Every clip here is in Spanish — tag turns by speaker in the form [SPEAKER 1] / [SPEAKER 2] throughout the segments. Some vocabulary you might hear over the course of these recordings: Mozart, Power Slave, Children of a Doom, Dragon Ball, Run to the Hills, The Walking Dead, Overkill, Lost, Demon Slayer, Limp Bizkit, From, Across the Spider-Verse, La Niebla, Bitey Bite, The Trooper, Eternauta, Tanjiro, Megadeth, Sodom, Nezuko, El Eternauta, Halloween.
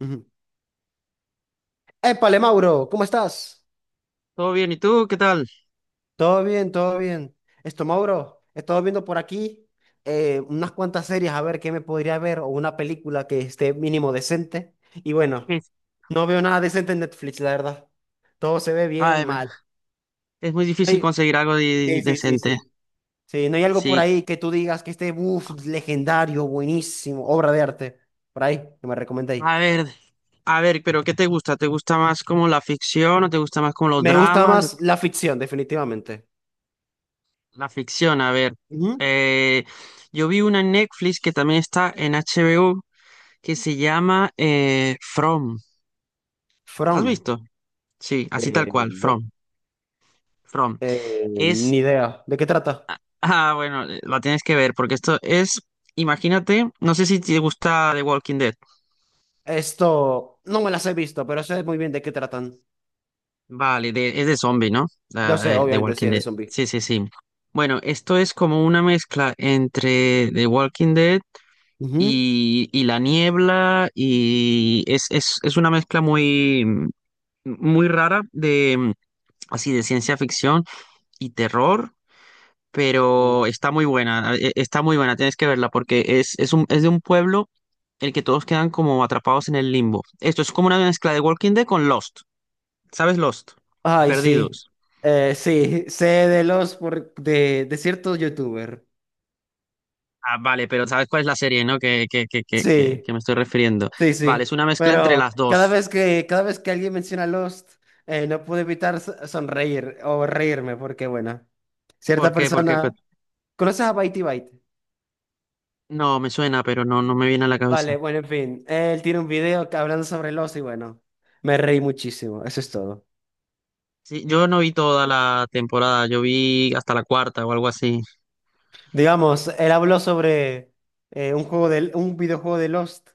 [SPEAKER 1] Ujú. Épale, Mauro, ¿cómo estás?
[SPEAKER 2] Todo bien, ¿y tú qué tal?
[SPEAKER 1] Todo bien, todo bien. Esto, Mauro, he estado viendo por aquí unas cuantas series a ver qué me podría ver o una película que esté mínimo decente. Y bueno,
[SPEAKER 2] Sí.
[SPEAKER 1] no veo nada decente en Netflix, la verdad. Todo se ve bien
[SPEAKER 2] Ay, bueno,
[SPEAKER 1] mal.
[SPEAKER 2] es muy
[SPEAKER 1] No
[SPEAKER 2] difícil
[SPEAKER 1] hay-
[SPEAKER 2] conseguir algo
[SPEAKER 1] Sí, sí, sí,
[SPEAKER 2] decente.
[SPEAKER 1] sí. Sí, no hay algo por
[SPEAKER 2] Sí.
[SPEAKER 1] ahí que tú digas que esté, uff, legendario, buenísimo, obra de arte. Por ahí, que me recomendéis.
[SPEAKER 2] A ver, a ver, pero ¿qué te gusta? ¿Te gusta más como la ficción o te gusta más como los
[SPEAKER 1] Me gusta
[SPEAKER 2] dramas?
[SPEAKER 1] más la ficción, definitivamente.
[SPEAKER 2] La ficción, a ver.
[SPEAKER 1] Ujú.
[SPEAKER 2] Eh, yo vi una en Netflix que también está en HBO que se llama From. ¿La has
[SPEAKER 1] From.
[SPEAKER 2] visto? Sí, así tal
[SPEAKER 1] Eh,
[SPEAKER 2] cual, From. From. Es,
[SPEAKER 1] Ni idea. ¿De qué trata?
[SPEAKER 2] bueno, la tienes que ver porque imagínate, no sé si te gusta The Walking Dead.
[SPEAKER 1] Esto no me las he visto, pero sé muy bien de qué tratan.
[SPEAKER 2] Vale, es de zombie, ¿no?
[SPEAKER 1] Yo sé,
[SPEAKER 2] La, de
[SPEAKER 1] obviamente, sí,
[SPEAKER 2] Walking
[SPEAKER 1] es de
[SPEAKER 2] Dead.
[SPEAKER 1] zombie.
[SPEAKER 2] Sí, sí, sí. Bueno, esto es como una mezcla entre The Walking Dead
[SPEAKER 1] Ujú.
[SPEAKER 2] y La Niebla y es una mezcla muy rara de así de ciencia ficción y terror, pero
[SPEAKER 1] Mm.
[SPEAKER 2] está muy buena, tienes que verla porque es de un pueblo el que todos quedan como atrapados en el limbo. Esto es como una mezcla de Walking Dead con Lost. ¿Sabes Lost?
[SPEAKER 1] Ay, sí.
[SPEAKER 2] Perdidos.
[SPEAKER 1] Sí, sé de los de ciertos youtuber.
[SPEAKER 2] Ah, vale, pero ¿sabes cuál es la serie, no? Que, que, que, que, que,
[SPEAKER 1] Sí,
[SPEAKER 2] que me estoy refiriendo.
[SPEAKER 1] sí,
[SPEAKER 2] Vale,
[SPEAKER 1] sí.
[SPEAKER 2] es una mezcla entre
[SPEAKER 1] Pero
[SPEAKER 2] las
[SPEAKER 1] cada
[SPEAKER 2] dos.
[SPEAKER 1] vez que, cada vez que alguien menciona Lost, no puedo evitar sonreír o reírme, porque bueno,
[SPEAKER 2] ¿Por
[SPEAKER 1] cierta
[SPEAKER 2] qué? Porque
[SPEAKER 1] persona. ¿Conoces a Bitey Bite?
[SPEAKER 2] no, me suena, pero no, no me viene a la cabeza.
[SPEAKER 1] Vale, bueno, en fin. Él tiene un video hablando sobre el oso y bueno, me reí muchísimo. Eso es todo.
[SPEAKER 2] Sí, yo no vi toda la temporada, yo vi hasta la cuarta o algo así.
[SPEAKER 1] Digamos, él habló sobre un juego un videojuego de Lost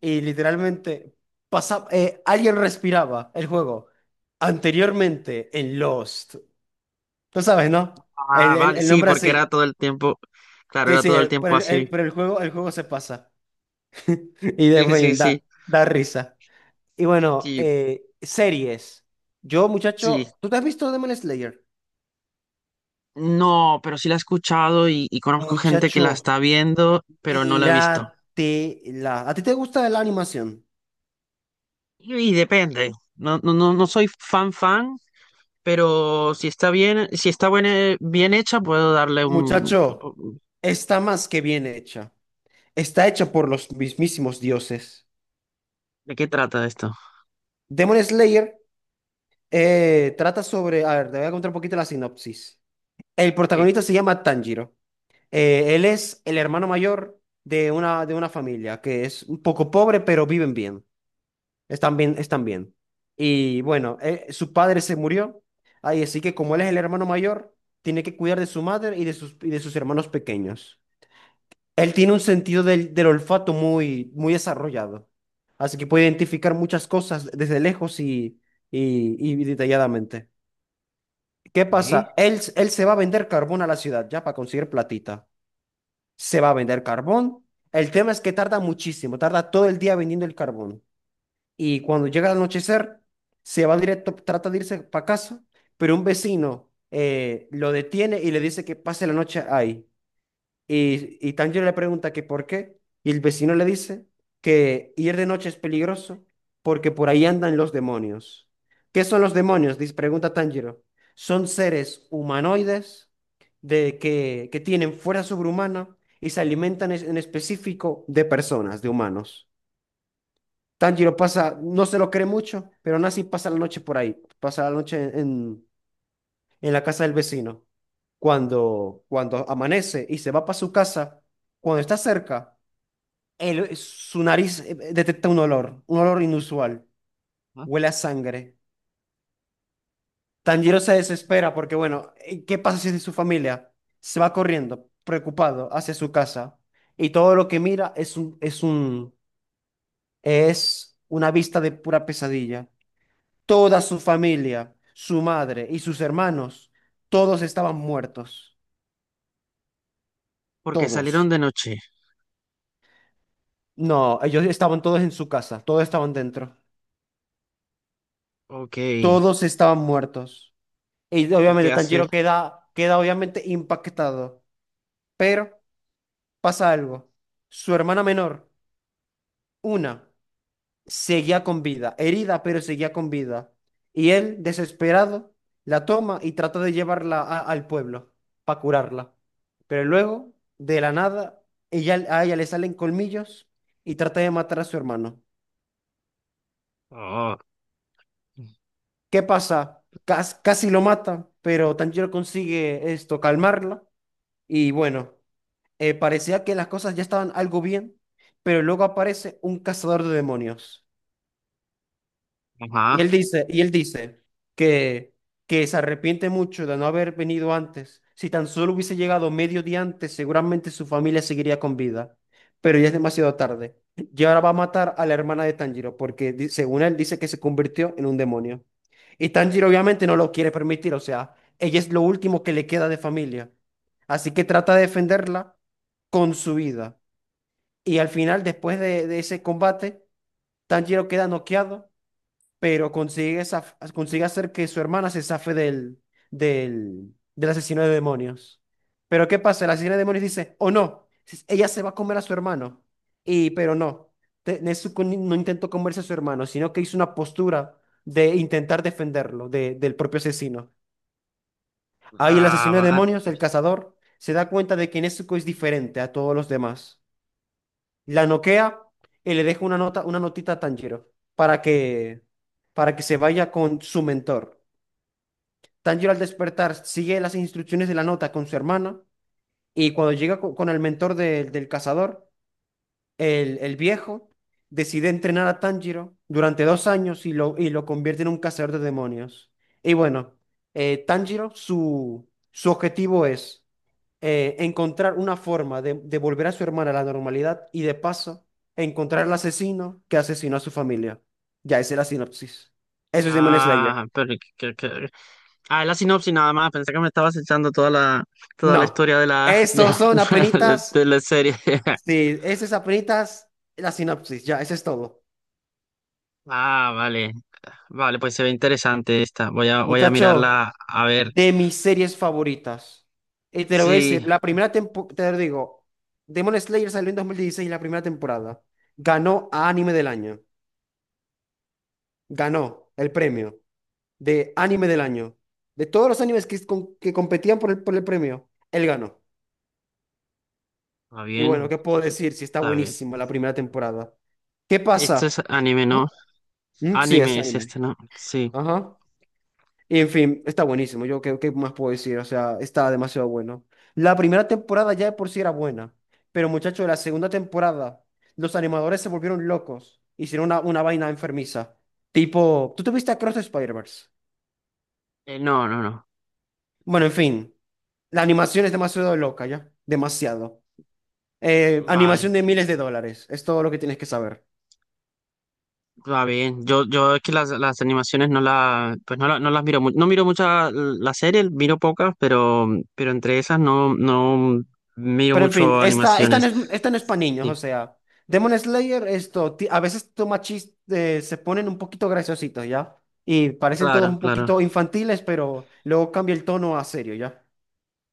[SPEAKER 1] y literalmente pasa, alguien respiraba el juego anteriormente en Lost. Tú sabes, ¿no? El,
[SPEAKER 2] Ah,
[SPEAKER 1] el,
[SPEAKER 2] vale,
[SPEAKER 1] el
[SPEAKER 2] sí,
[SPEAKER 1] nombre
[SPEAKER 2] porque
[SPEAKER 1] así.
[SPEAKER 2] era todo el tiempo, claro,
[SPEAKER 1] Sí,
[SPEAKER 2] era
[SPEAKER 1] sí,
[SPEAKER 2] todo el
[SPEAKER 1] pero
[SPEAKER 2] tiempo así.
[SPEAKER 1] pero el juego se pasa. Y de en
[SPEAKER 2] Sí, sí,
[SPEAKER 1] fin,
[SPEAKER 2] sí,
[SPEAKER 1] da risa. Y bueno,
[SPEAKER 2] sí,
[SPEAKER 1] series. Yo,
[SPEAKER 2] sí.
[SPEAKER 1] muchacho, ¿tú te has visto Demon Slayer?
[SPEAKER 2] No, pero sí la he escuchado y conozco gente que la
[SPEAKER 1] Muchacho,
[SPEAKER 2] está viendo, pero no la ha visto.
[SPEAKER 1] míratela. ¿A ti te gusta la animación?
[SPEAKER 2] Y depende. No, no, no, no soy fan fan, pero si está bien, si está bien hecha, puedo darle un...
[SPEAKER 1] Muchacho, está más que bien hecha. Está hecha por los mismísimos dioses.
[SPEAKER 2] ¿De qué trata esto?
[SPEAKER 1] Demon Slayer trata sobre... A ver, te voy a contar un poquito la sinopsis. El
[SPEAKER 2] Eh,
[SPEAKER 1] protagonista se llama Tanjiro. Él es el hermano mayor de una familia que es un poco pobre, pero viven bien. Están bien, están bien. Y bueno, su padre se murió. Ay, así que como él es el hermano mayor, tiene que cuidar de su madre y de sus hermanos pequeños. Él tiene un sentido del olfato muy, muy desarrollado. Así que puede identificar muchas cosas desde lejos y detalladamente. ¿Qué
[SPEAKER 2] ¿Eh?
[SPEAKER 1] pasa? Él se va a vender carbón a la ciudad ya para conseguir platita. Se va a vender carbón. El tema es que tarda muchísimo, tarda todo el día vendiendo el carbón. Y cuando llega el anochecer, se va directo, trata de irse para casa, pero un vecino lo detiene y le dice que pase la noche ahí. Y Tanjiro le pregunta que por qué, y el vecino le dice que ir de noche es peligroso porque por ahí andan los demonios. ¿Qué son los demonios? Dice, pregunta Tanjiro. Son seres humanoides que tienen fuerza sobrehumana y se alimentan en específico de personas, de humanos. Tanjiro pasa, no se lo cree mucho, pero Nasi pasa la noche por ahí, pasa la noche en la casa del vecino. Cuando amanece y se va para su casa, cuando está cerca, su nariz detecta un olor inusual,
[SPEAKER 2] ¿Ah?
[SPEAKER 1] huele a sangre. Tanjiro se desespera porque, bueno, ¿qué pasa si es de su familia? Se va corriendo, preocupado, hacia su casa y todo lo que mira es una vista de pura pesadilla. Toda su familia, su madre y sus hermanos, todos estaban muertos.
[SPEAKER 2] Porque salieron
[SPEAKER 1] Todos.
[SPEAKER 2] de noche.
[SPEAKER 1] No, ellos estaban todos en su casa, todos estaban dentro.
[SPEAKER 2] Ok. ¿Y
[SPEAKER 1] Todos estaban muertos. Y obviamente
[SPEAKER 2] qué hace
[SPEAKER 1] Tanjiro
[SPEAKER 2] él?
[SPEAKER 1] queda obviamente impactado. Pero pasa algo. Su hermana menor, una. Seguía con vida, herida, pero seguía con vida. Y él, desesperado, la toma y trata de llevarla al pueblo para curarla. Pero luego, de la nada, ella, a ella le salen colmillos y trata de matar a su hermano.
[SPEAKER 2] Oh,
[SPEAKER 1] ¿Qué pasa? Casi lo mata, pero Tanjiro consigue esto, calmarla. Y bueno, parecía que las cosas ya estaban algo bien, pero luego aparece un cazador de demonios. Y él
[SPEAKER 2] ajá.
[SPEAKER 1] dice, y él dice que, que se arrepiente mucho de no haber venido antes. Si tan solo hubiese llegado medio día antes, seguramente su familia seguiría con vida. Pero ya es demasiado tarde. Y ahora va a matar a la hermana de Tanjiro, porque según él dice que se convirtió en un demonio. Y Tanjiro obviamente no lo quiere permitir, o sea, ella es lo último que le queda de familia. Así que trata de defenderla con su vida. Y al final, después de ese combate, Tanjiro queda noqueado pero consigue, consigue hacer que su hermana se zafe del asesino de demonios. Pero ¿qué pasa? El asesino de demonios dice, o no, ella se va a comer a su hermano. Y, pero no, Nezuko no intentó comerse a su hermano, sino que hizo una postura de intentar defenderlo del propio asesino. Ahí el asesino de
[SPEAKER 2] Ah, ah,
[SPEAKER 1] demonios, el cazador, se da cuenta de que Nezuko es diferente a todos los demás, la noquea y le deja una nota, una notita a Tanjiro para que se vaya con su mentor. Tanjiro al despertar sigue las instrucciones de la nota con su hermana y cuando llega con, el mentor del cazador, el viejo decide entrenar a Tanjiro durante dos años y lo convierte en un cazador de demonios. Y bueno, Tanjiro, su objetivo es encontrar una forma de volver a su hermana a la normalidad y de paso encontrar al asesino que asesinó a su familia. Ya esa es la sinopsis. Eso es Demon Slayer.
[SPEAKER 2] ah, pero ah, la sinopsis nada más. Pensé que me estabas echando toda toda la
[SPEAKER 1] No,
[SPEAKER 2] historia de la,
[SPEAKER 1] estos son apenitas.
[SPEAKER 2] de la serie.
[SPEAKER 1] Sí, esas es apenitas la sinopsis. Ya, eso es todo.
[SPEAKER 2] Ah, vale. Vale, pues se ve interesante esta. Voy a
[SPEAKER 1] Muchacho,
[SPEAKER 2] mirarla a ver.
[SPEAKER 1] de mis series favoritas. Y te lo voy a decir,
[SPEAKER 2] Sí,
[SPEAKER 1] la primera temporada, te lo digo, Demon Slayer salió en 2016, la primera temporada. Ganó a Anime del Año. Ganó el premio de anime del año. De todos los animes que, que competían por el premio, él ganó.
[SPEAKER 2] está
[SPEAKER 1] Y bueno,
[SPEAKER 2] bien.
[SPEAKER 1] ¿qué puedo decir si está
[SPEAKER 2] Está bien.
[SPEAKER 1] buenísimo la primera temporada? ¿Qué
[SPEAKER 2] Esto es
[SPEAKER 1] pasa?
[SPEAKER 2] anime, ¿no?
[SPEAKER 1] ¿Ah? Sí, es
[SPEAKER 2] Anime es
[SPEAKER 1] anime.
[SPEAKER 2] este, ¿no? Sí.
[SPEAKER 1] Ajá. Y en fin, está buenísimo. Yo, ¿qué más puedo decir? O sea, está demasiado bueno. La primera temporada ya de por sí era buena. Pero muchachos, la segunda temporada, los animadores se volvieron locos. Hicieron una vaina enfermiza. Tipo, ¿tú te viste Across the Spider-Verse?
[SPEAKER 2] No, no, no.
[SPEAKER 1] Bueno, en fin, la animación es demasiado loca ya. Demasiado. Animación
[SPEAKER 2] Vale.
[SPEAKER 1] de miles de dólares. Es todo lo que tienes que saber.
[SPEAKER 2] Va bien. Yo es que las animaciones pues no, no las miro mucho. No miro muchas las series, miro pocas, pero entre esas no, no miro
[SPEAKER 1] Pero en fin,
[SPEAKER 2] mucho animaciones.
[SPEAKER 1] esta no es para niños, o
[SPEAKER 2] Sí,
[SPEAKER 1] sea, Demon Slayer, esto, a veces toma chistes, se ponen un poquito graciositos, ¿ya? Y parecen todos
[SPEAKER 2] claro,
[SPEAKER 1] un
[SPEAKER 2] claro.
[SPEAKER 1] poquito infantiles, pero luego cambia el tono a serio, ¿ya?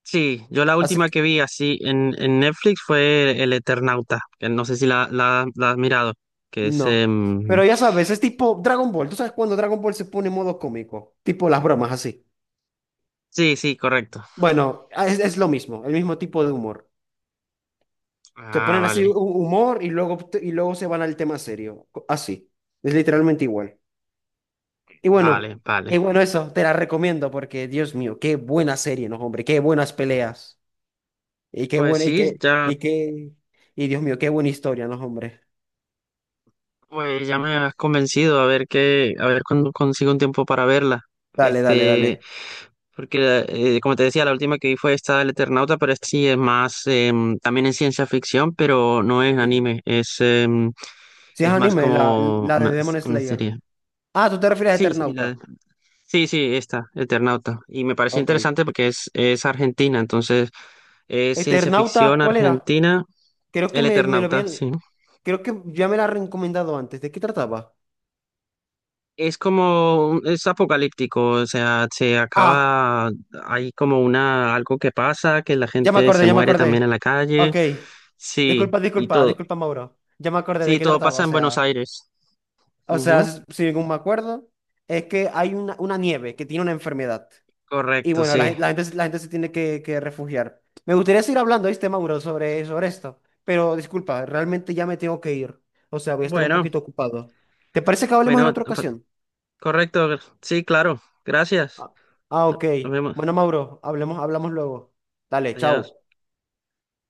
[SPEAKER 2] Sí, yo la
[SPEAKER 1] Así
[SPEAKER 2] última
[SPEAKER 1] que,
[SPEAKER 2] que vi así en Netflix fue El Eternauta, que no sé si la has mirado, que es...
[SPEAKER 1] no. Pero ya sabes, es tipo Dragon Ball. ¿Tú sabes cuando Dragon Ball se pone en modo cómico? Tipo las bromas así.
[SPEAKER 2] sí, sí, correcto.
[SPEAKER 1] Bueno, es lo mismo, el mismo tipo de humor. Se
[SPEAKER 2] Ah,
[SPEAKER 1] ponen así
[SPEAKER 2] vale,
[SPEAKER 1] humor y luego se van al tema serio. Así. Es literalmente igual. Y bueno,
[SPEAKER 2] vale, vale.
[SPEAKER 1] y bueno, eso te la recomiendo porque, Dios mío, qué buena serie, ¿no, hombre? Qué buenas peleas. Y qué
[SPEAKER 2] Pues
[SPEAKER 1] buena,
[SPEAKER 2] sí, ya,
[SPEAKER 1] y Dios mío, qué buena historia, ¿no, hombre?
[SPEAKER 2] pues ya me has convencido a ver qué, a ver cuándo consigo un tiempo para verla.
[SPEAKER 1] Dale, dale,
[SPEAKER 2] Este,
[SPEAKER 1] dale.
[SPEAKER 2] porque como te decía, la última que vi fue esta del Eternauta, pero esta sí es más, también es ciencia ficción, pero no es
[SPEAKER 1] Sí.
[SPEAKER 2] anime,
[SPEAKER 1] Si es
[SPEAKER 2] es más
[SPEAKER 1] anime,
[SPEAKER 2] como
[SPEAKER 1] la de Demon
[SPEAKER 2] una
[SPEAKER 1] Slayer.
[SPEAKER 2] serie.
[SPEAKER 1] Ah, tú te refieres a
[SPEAKER 2] Sí, sí,
[SPEAKER 1] Eternauta.
[SPEAKER 2] sí, sí, esta, Eternauta. Y me pareció
[SPEAKER 1] Ok.
[SPEAKER 2] interesante porque es argentina, entonces es ciencia
[SPEAKER 1] Eternauta,
[SPEAKER 2] ficción
[SPEAKER 1] ¿cuál era?
[SPEAKER 2] argentina,
[SPEAKER 1] Creo que
[SPEAKER 2] el
[SPEAKER 1] me lo
[SPEAKER 2] Eternauta,
[SPEAKER 1] habían,
[SPEAKER 2] sí.
[SPEAKER 1] creo que ya me la han recomendado antes. ¿De qué trataba?
[SPEAKER 2] Es como, es apocalíptico, o sea, se
[SPEAKER 1] Ah.
[SPEAKER 2] acaba, hay como una, algo que pasa, que la
[SPEAKER 1] Ya me
[SPEAKER 2] gente se
[SPEAKER 1] acordé, ya me
[SPEAKER 2] muere
[SPEAKER 1] acordé.
[SPEAKER 2] también en la calle,
[SPEAKER 1] Ok.
[SPEAKER 2] sí,
[SPEAKER 1] Disculpa,
[SPEAKER 2] y
[SPEAKER 1] disculpa,
[SPEAKER 2] todo,
[SPEAKER 1] disculpa, Mauro. Ya me acordé de
[SPEAKER 2] sí,
[SPEAKER 1] qué
[SPEAKER 2] todo
[SPEAKER 1] trataba.
[SPEAKER 2] pasa
[SPEAKER 1] O
[SPEAKER 2] en Buenos
[SPEAKER 1] sea,
[SPEAKER 2] Aires. Ujú,
[SPEAKER 1] si según me acuerdo, es que hay una nieve que tiene una enfermedad. Y
[SPEAKER 2] correcto,
[SPEAKER 1] bueno,
[SPEAKER 2] sí.
[SPEAKER 1] la gente, la gente se tiene que refugiar. Me gustaría seguir hablando, ¿viste, Mauro, sobre esto? Pero disculpa, realmente ya me tengo que ir. O sea, voy a estar un
[SPEAKER 2] Bueno,
[SPEAKER 1] poquito ocupado. ¿Te parece que hablemos en
[SPEAKER 2] bueno,
[SPEAKER 1] otra
[SPEAKER 2] pa-
[SPEAKER 1] ocasión?
[SPEAKER 2] correcto, sí, claro, gracias.
[SPEAKER 1] Ah, ah, ok.
[SPEAKER 2] Nos vemos.
[SPEAKER 1] Bueno, Mauro, hablemos, hablamos luego. Dale,
[SPEAKER 2] Adiós.
[SPEAKER 1] chao.